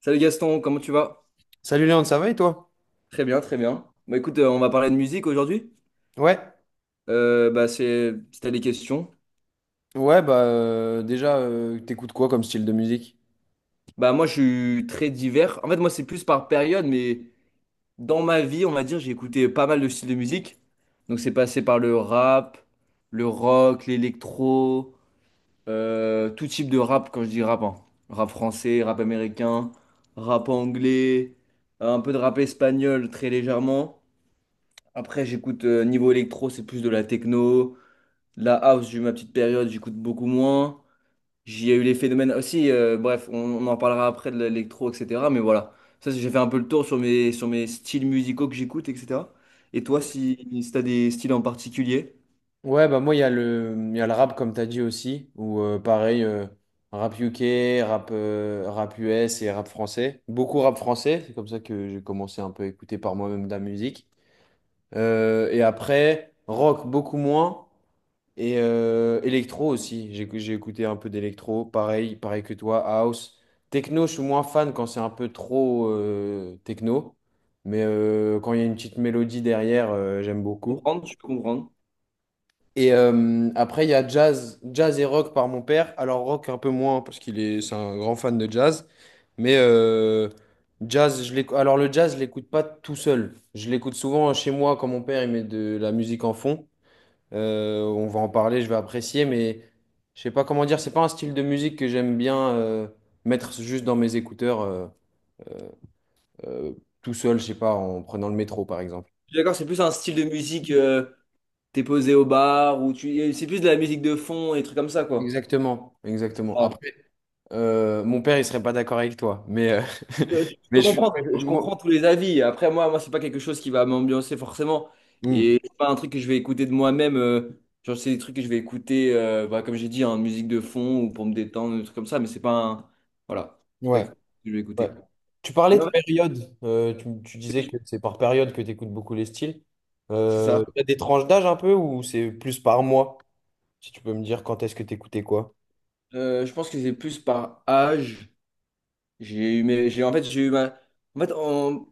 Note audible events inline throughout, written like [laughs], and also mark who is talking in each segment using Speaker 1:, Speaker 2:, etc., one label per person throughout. Speaker 1: Salut Gaston, comment tu vas?
Speaker 2: Salut Léon, ça va et toi?
Speaker 1: Très bien, très bien. Bah écoute, on va parler de musique aujourd'hui.
Speaker 2: Ouais.
Speaker 1: Bah c'est, si t'as des questions.
Speaker 2: Ouais, bah déjà, t'écoutes quoi comme style de musique?
Speaker 1: Bah moi je suis très divers. En fait moi c'est plus par période, mais dans ma vie on va dire j'ai écouté pas mal de styles de musique. Donc c'est passé par le rap, le rock, l'électro, tout type de rap quand je dis rap, hein. Rap français, rap américain, rap anglais, un peu de rap espagnol très légèrement. Après j'écoute niveau électro c'est plus de la techno. La house, j'ai eu ma petite période, j'écoute beaucoup moins. J'y ai eu les phénomènes aussi. Bref, on en parlera après de l'électro, etc. Mais voilà, ça, j'ai fait un peu le tour sur mes styles musicaux que j'écoute, etc. Et toi, si tu as des styles en particulier?
Speaker 2: Ouais, bah moi, il y a le rap, comme t'as dit aussi, ou pareil, rap UK, rap, rap US et rap français. Beaucoup rap français, c'est comme ça que j'ai commencé un peu à écouter par moi-même de la musique. Et après, rock, beaucoup moins. Et électro aussi, j'ai écouté un peu d'électro, pareil, pareil que toi, house. Techno, je suis moins fan quand c'est un peu trop techno, mais quand il y a une petite mélodie derrière, j'aime beaucoup.
Speaker 1: Comprendre, je peux comprendre.
Speaker 2: Et après, il y a jazz, jazz et rock par mon père. Alors rock un peu moins parce c'est un grand fan de jazz, mais Alors le jazz, je l'écoute pas tout seul. Je l'écoute souvent chez moi quand mon père il met de la musique en fond. On va en parler, je vais apprécier, mais je sais pas comment dire, c'est pas un style de musique que j'aime bien mettre juste dans mes écouteurs euh, tout seul, je sais pas, en prenant le métro par exemple.
Speaker 1: Je suis d'accord, c'est plus un style de musique, t'es posé au bar, ou tu, c'est plus de la musique de fond et des trucs comme ça, quoi.
Speaker 2: Exactement, exactement. Après, mon père, il serait pas d'accord avec toi, mais
Speaker 1: Je
Speaker 2: [laughs] mais
Speaker 1: peux
Speaker 2: je suis.
Speaker 1: comprendre, je
Speaker 2: moi-
Speaker 1: comprends tous les avis. Après, moi, c'est pas quelque chose qui va m'ambiancer forcément.
Speaker 2: Hmm.
Speaker 1: Et c'est pas un truc que je vais écouter de moi-même. Genre, c'est des trucs que je vais écouter, bah, comme j'ai dit, en musique de fond ou pour me détendre, des trucs comme ça. Mais c'est pas un. Voilà. C'est pas
Speaker 2: Ouais,
Speaker 1: quelque chose que je vais
Speaker 2: ouais.
Speaker 1: écouter.
Speaker 2: Tu parlais
Speaker 1: Mais
Speaker 2: de
Speaker 1: en
Speaker 2: période. Tu
Speaker 1: fait,
Speaker 2: disais que c'est par période que tu écoutes beaucoup les styles.
Speaker 1: c'est
Speaker 2: Euh,
Speaker 1: ça.
Speaker 2: t'as des tranches d'âge un peu ou c'est plus par mois? Si tu peux me dire quand est-ce que tu écoutais quoi?
Speaker 1: Je pense que c'est plus par âge. J'ai eu mes. J'ai, en fait, j'ai eu ma. En fait,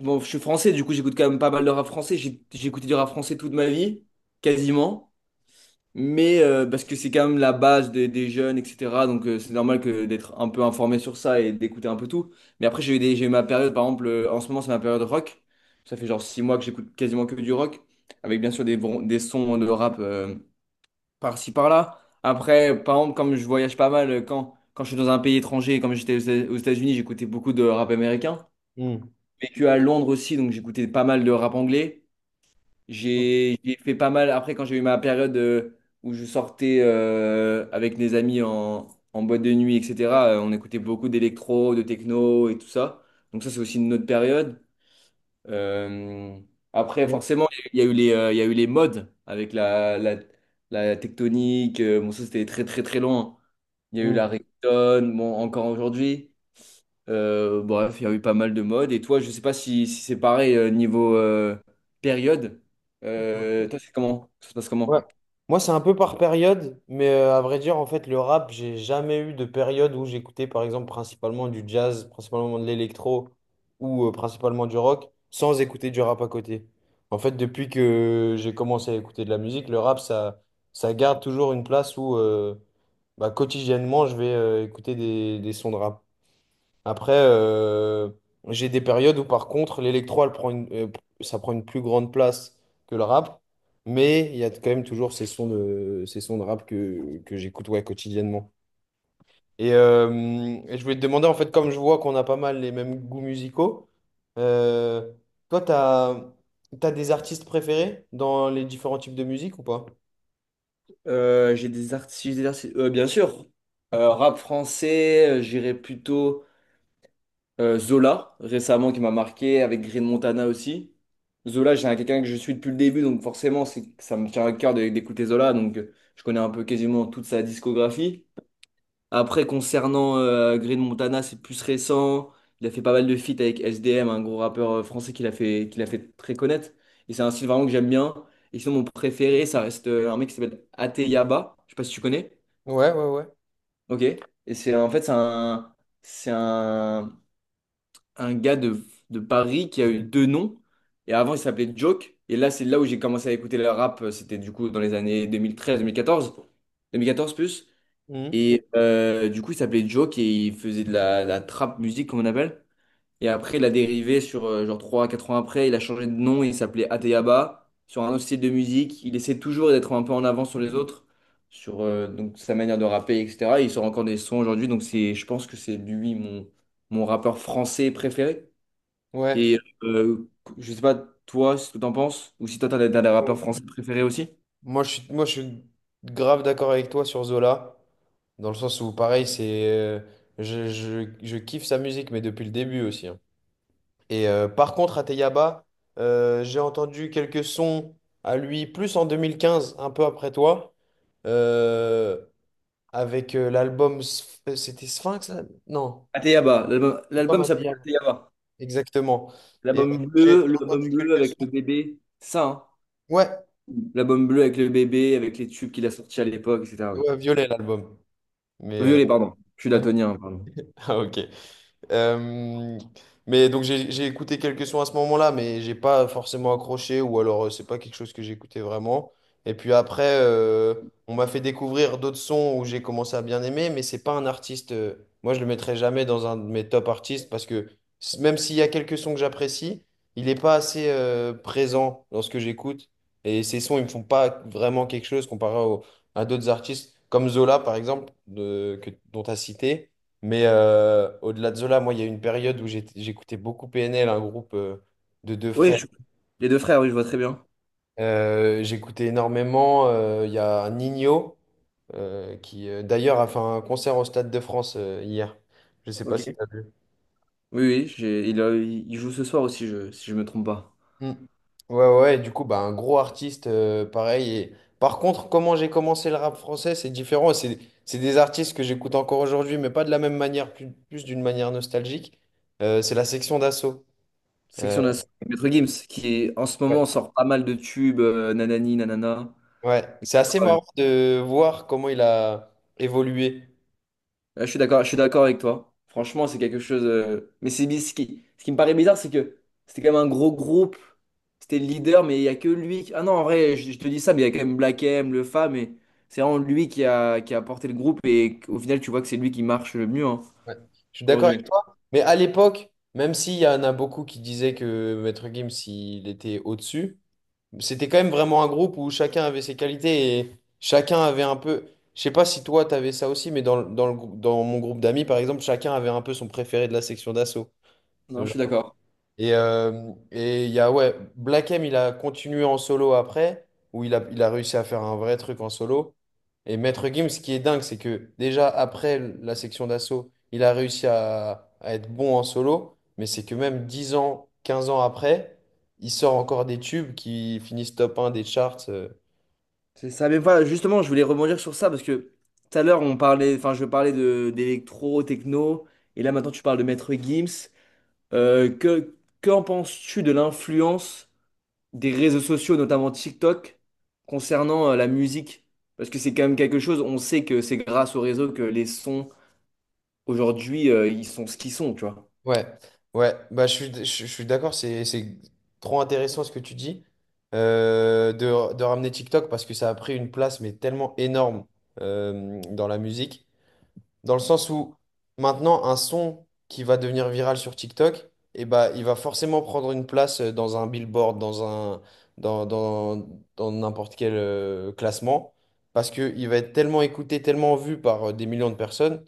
Speaker 1: bon, je suis français, du coup, j'écoute quand même pas mal de rap français. J'ai écouté du rap français toute ma vie, quasiment. Mais parce que c'est quand même la base des jeunes, etc. Donc c'est normal que d'être un peu informé sur ça et d'écouter un peu tout. Mais après j'ai eu ma période, par exemple, en ce moment c'est ma période rock. Ça fait genre 6 mois que j'écoute quasiment que du rock, avec bien sûr des sons de rap par-ci par-là. Après, par exemple, comme je voyage pas mal, quand je suis dans un pays étranger, comme j'étais aux États-Unis, j'écoutais beaucoup de rap américain. J'ai vécu à Londres aussi, donc j'écoutais pas mal de rap anglais. J'ai fait pas mal. Après, quand j'ai eu ma période où je sortais avec des amis en boîte de nuit, etc., on écoutait beaucoup d'électro, de techno et tout ça. Donc, ça, c'est aussi une autre période. Euh, Après,
Speaker 2: Hmm.
Speaker 1: forcément, il y a eu les modes avec la tectonique. Bon, ça, c'était très, très, très loin. Il y a eu la
Speaker 2: Mm.
Speaker 1: reggaeton, bon, encore aujourd'hui. Bref, il y a eu pas mal de modes. Et toi, je sais pas si c'est pareil niveau période. Toi, c'est comment? Ça se passe
Speaker 2: Ouais.
Speaker 1: comment?
Speaker 2: Moi, c'est un peu par période, mais à vrai dire, en fait, le rap, j'ai jamais eu de période où j'écoutais, par exemple, principalement du jazz, principalement de l'électro ou principalement du rock, sans écouter du rap à côté. En fait, depuis que j'ai commencé à écouter de la musique, le rap, ça garde toujours une place où, bah, quotidiennement, je vais écouter des sons de rap. Après, j'ai des périodes où par contre l'électro, ça prend une plus grande place que le rap, mais il y a quand même toujours ces sons de rap que j'écoute ouais, quotidiennement. Et, euh, et je voulais te demander, en fait, comme je vois qu'on a pas mal les mêmes goûts musicaux, euh, toi, t'as, t'as des artistes préférés dans les différents types de musique ou pas?
Speaker 1: J'ai des artistes, bien sûr. Rap français, j'irais plutôt Zola, récemment, qui m'a marqué, avec Green Montana aussi. Zola, quelqu'un que je suis depuis le début, donc forcément, c'est, ça me tient à cœur d'écouter Zola, donc je connais un peu quasiment toute sa discographie. Après, concernant Green Montana, c'est plus récent. Il a fait pas mal de feats avec SDM, un gros rappeur français qu'il a fait très connaître. Et c'est un style vraiment que j'aime bien. Et sinon, mon préféré, ça reste un mec qui s'appelle Ateyaba. Je sais pas si tu connais.
Speaker 2: Ouais, ouais, ouais.
Speaker 1: Ok. Et c'est en fait, c'est un, un gars de Paris qui a eu deux noms. Et avant, il s'appelait Joke. Et là, c'est là où j'ai commencé à écouter le rap. C'était du coup dans les années 2013-2014. 2014 plus.
Speaker 2: Mhm.
Speaker 1: Et du coup, il s'appelait Joke et il faisait de la trap musique, comme on appelle. Et après, il a dérivé sur genre 3, 4 ans après. Il a changé de nom, il s'appelait Ateyaba. Sur un autre style de musique, il essaie toujours d'être un peu en avant sur les autres, sur donc, sa manière de rapper, etc. Et il sort encore des sons aujourd'hui, donc c'est, je pense que c'est lui mon rappeur français préféré.
Speaker 2: Ouais.
Speaker 1: Et je sais pas, toi, ce que t'en penses, ou si toi, t'as des rappeurs français préférés aussi?
Speaker 2: Moi, je suis grave d'accord avec toi sur Zola, dans le sens où, pareil, c'est, je kiffe sa musique, mais depuis le début aussi, hein. Et par contre, à Teyaba, j'ai entendu quelques sons à lui, plus en 2015, un peu après toi, euh, avec c'était Sphinx, là? Non.
Speaker 1: Ateyaba, l'album
Speaker 2: L'album
Speaker 1: l'album
Speaker 2: à
Speaker 1: s'appelait
Speaker 2: Teyaba.
Speaker 1: Ateyaba.
Speaker 2: Exactement. Et j'ai
Speaker 1: L'album
Speaker 2: entendu
Speaker 1: bleu
Speaker 2: quelques
Speaker 1: avec le
Speaker 2: sons.
Speaker 1: bébé, c'est ça, hein?
Speaker 2: Ouais,
Speaker 1: L'album bleu avec le bébé, avec les tubes qu'il a sortis à l'époque, etc. Oui.
Speaker 2: ouais, Violet, l'album. Mais,
Speaker 1: Violet, pardon. Je suis
Speaker 2: [laughs] ouais.
Speaker 1: daltonien, hein, pardon.
Speaker 2: Ah, ok. Euh, mais donc j'ai écouté quelques sons à ce moment-là, mais j'ai pas forcément accroché ou alors c'est pas quelque chose que j'écoutais vraiment. Et puis après, on m'a fait découvrir d'autres sons où j'ai commencé à bien aimer, mais c'est pas un artiste. Moi, je le mettrai jamais dans un de mes top artistes parce que même s'il y a quelques sons que j'apprécie, il est pas assez présent dans ce que j'écoute. Et ces sons, ils me font pas vraiment quelque chose à d'autres artistes comme Zola par exemple dont tu as cité. Mais au-delà de Zola, moi, il y a eu une période où j'écoutais beaucoup PNL, un groupe de deux
Speaker 1: Oui,
Speaker 2: frères.
Speaker 1: les deux frères, oui, je vois très bien.
Speaker 2: J'écoutais énormément. Il y a Nino d'ailleurs, a fait un concert au Stade de France hier. Je ne sais pas
Speaker 1: Ok.
Speaker 2: si tu as vu.
Speaker 1: Oui, oui, il joue ce soir aussi, si je me trompe pas.
Speaker 2: Mm. Ouais, ouais, et du coup, bah, un gros artiste, pareil. Et... Par contre, comment j'ai commencé le rap français, c'est différent. C'est des artistes que j'écoute encore aujourd'hui, mais pas de la même manière, plus d'une manière nostalgique. C'est la section d'assaut.
Speaker 1: Section d'assaut, Maître Gims, en ce moment sort pas mal de tubes, nanani, nanana.
Speaker 2: Ouais, c'est assez marrant de voir comment il a évolué.
Speaker 1: Ouais, je suis d'accord, je suis d'accord avec toi. Franchement, c'est quelque chose. Mais ce qui me paraît bizarre, c'est que c'était quand même un gros groupe. C'était le leader, mais il n'y a que lui. Ah non, en vrai, je te dis ça, mais il y a quand même Black M, le Fa, mais c'est vraiment lui qui a porté le groupe. Et au final, tu vois que c'est lui qui marche le mieux, hein,
Speaker 2: Ouais. Je suis d'accord avec
Speaker 1: aujourd'hui.
Speaker 2: toi. Mais à l'époque, même s'il y en a beaucoup qui disaient que Maître Gims, il était au-dessus, c'était quand même vraiment un groupe où chacun avait ses qualités et chacun avait un peu. Je sais pas si toi, t'avais ça aussi, mais dans mon groupe d'amis, par exemple, chacun avait un peu son préféré de la section d'assaut.
Speaker 1: Non, je suis d'accord.
Speaker 2: Et il y a, ouais, Black M, il a continué en solo après, où il a réussi à faire un vrai truc en solo. Et Maître Gims, ce qui est dingue, c'est que déjà après la section d'assaut, il a réussi à être bon en solo, mais c'est que même 10 ans, 15 ans après, il sort encore des tubes qui finissent top un des charts.
Speaker 1: C'est ça. Mais voilà, justement, je voulais rebondir sur ça parce que tout à l'heure, on parlait, enfin, je parlais de d'électro, techno. Et là, maintenant, tu parles de Maître Gims. Euh, que, Qu'en penses-tu de l'influence des réseaux sociaux, notamment TikTok, concernant la musique? Parce que c'est quand même quelque chose, on sait que c'est grâce aux réseaux que les sons, aujourd'hui, ils sont ce qu'ils sont, tu vois.
Speaker 2: Ouais, je suis d'accord, c'est trop intéressant ce que tu dis de ramener TikTok parce que ça a pris une place mais tellement énorme dans la musique, dans le sens où maintenant un son qui va devenir viral sur TikTok, bah, il va forcément prendre une place dans un billboard, dans un, dans, dans, dans n'importe quel classement, parce qu'il va être tellement écouté, tellement vu par des millions de personnes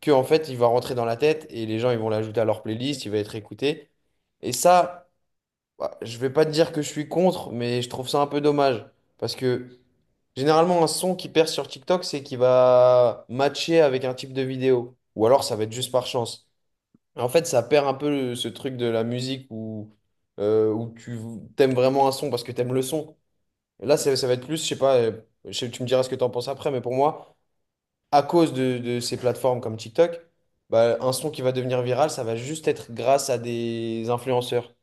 Speaker 2: que en fait il va rentrer dans la tête et les gens ils vont l'ajouter à leur playlist, il va être écouté. Et ça, bah, je vais pas te dire que je suis contre, mais je trouve ça un peu dommage parce que généralement un son qui perce sur TikTok, c'est qu'il va matcher avec un type de vidéo ou alors ça va être juste par chance. En fait, ça perd un peu ce truc de la musique où tu t'aimes vraiment un son parce que t'aimes le son. Et là, ça va être plus, je sais pas, tu me diras ce que t'en penses après, mais pour moi à cause de ces plateformes comme TikTok, bah, un son qui va devenir viral, ça va juste être grâce à des influenceurs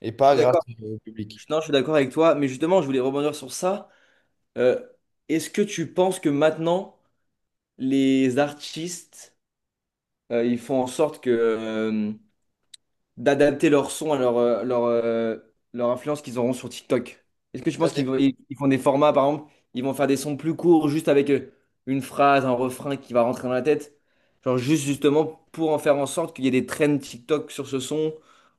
Speaker 2: et
Speaker 1: Je
Speaker 2: pas
Speaker 1: suis
Speaker 2: grâce
Speaker 1: d'accord.
Speaker 2: au public.
Speaker 1: Non, je suis d'accord avec toi, mais justement, je voulais rebondir sur ça. Euh, Est-ce que tu penses que maintenant, les artistes, ils font en sorte d'adapter leur son à leur influence qu'ils auront sur TikTok? Est-ce que tu
Speaker 2: Ça
Speaker 1: penses
Speaker 2: dé-
Speaker 1: ils font des formats, par exemple, ils vont faire des sons plus courts juste avec une phrase, un refrain qui va rentrer dans la tête? Genre juste justement pour en faire en sorte qu'il y ait des trends TikTok sur ce son,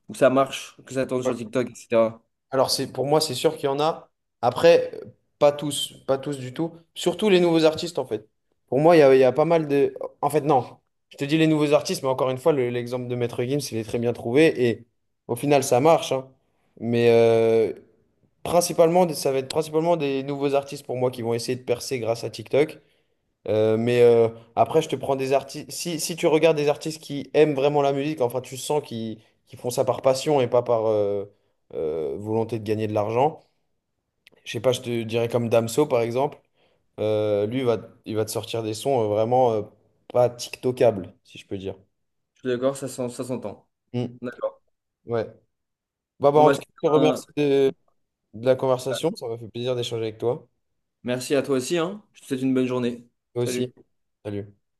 Speaker 1: ou que ça marche, que ça tourne sur
Speaker 2: ouais.
Speaker 1: TikTok, etc.
Speaker 2: Alors c'est pour moi, c'est sûr qu'il y en a. Après, pas tous, pas tous du tout. Surtout les nouveaux artistes, en fait. Pour moi, il y a pas mal de... En fait, non. Je te dis les nouveaux artistes, mais encore une fois, l'exemple de Maître Gims, il est très bien trouvé. Et au final, ça marche, hein. Mais principalement, ça va être principalement des nouveaux artistes pour moi qui vont essayer de percer grâce à TikTok. Euh, mais euh, après, je te prends des artistes. Si tu regardes des artistes qui aiment vraiment la musique, enfin, tu sens qu'ils font ça par passion et pas par volonté de gagner de l'argent. Je sais pas, je te dirais comme Damso, par exemple. Euh, lui, il va, il va te sortir des sons vraiment pas TikTokables, si je peux dire.
Speaker 1: Je suis d'accord, ça s'entend.
Speaker 2: Mm.
Speaker 1: D'accord.
Speaker 2: Ouais.
Speaker 1: Bon,
Speaker 2: En
Speaker 1: bah
Speaker 2: tout cas, je te
Speaker 1: un-
Speaker 2: remercie de la conversation. Ça m'a fait plaisir d'échanger avec toi.
Speaker 1: Merci à toi aussi, hein. Je te souhaite une bonne journée.
Speaker 2: Toi aussi.
Speaker 1: Salut.
Speaker 2: Salut.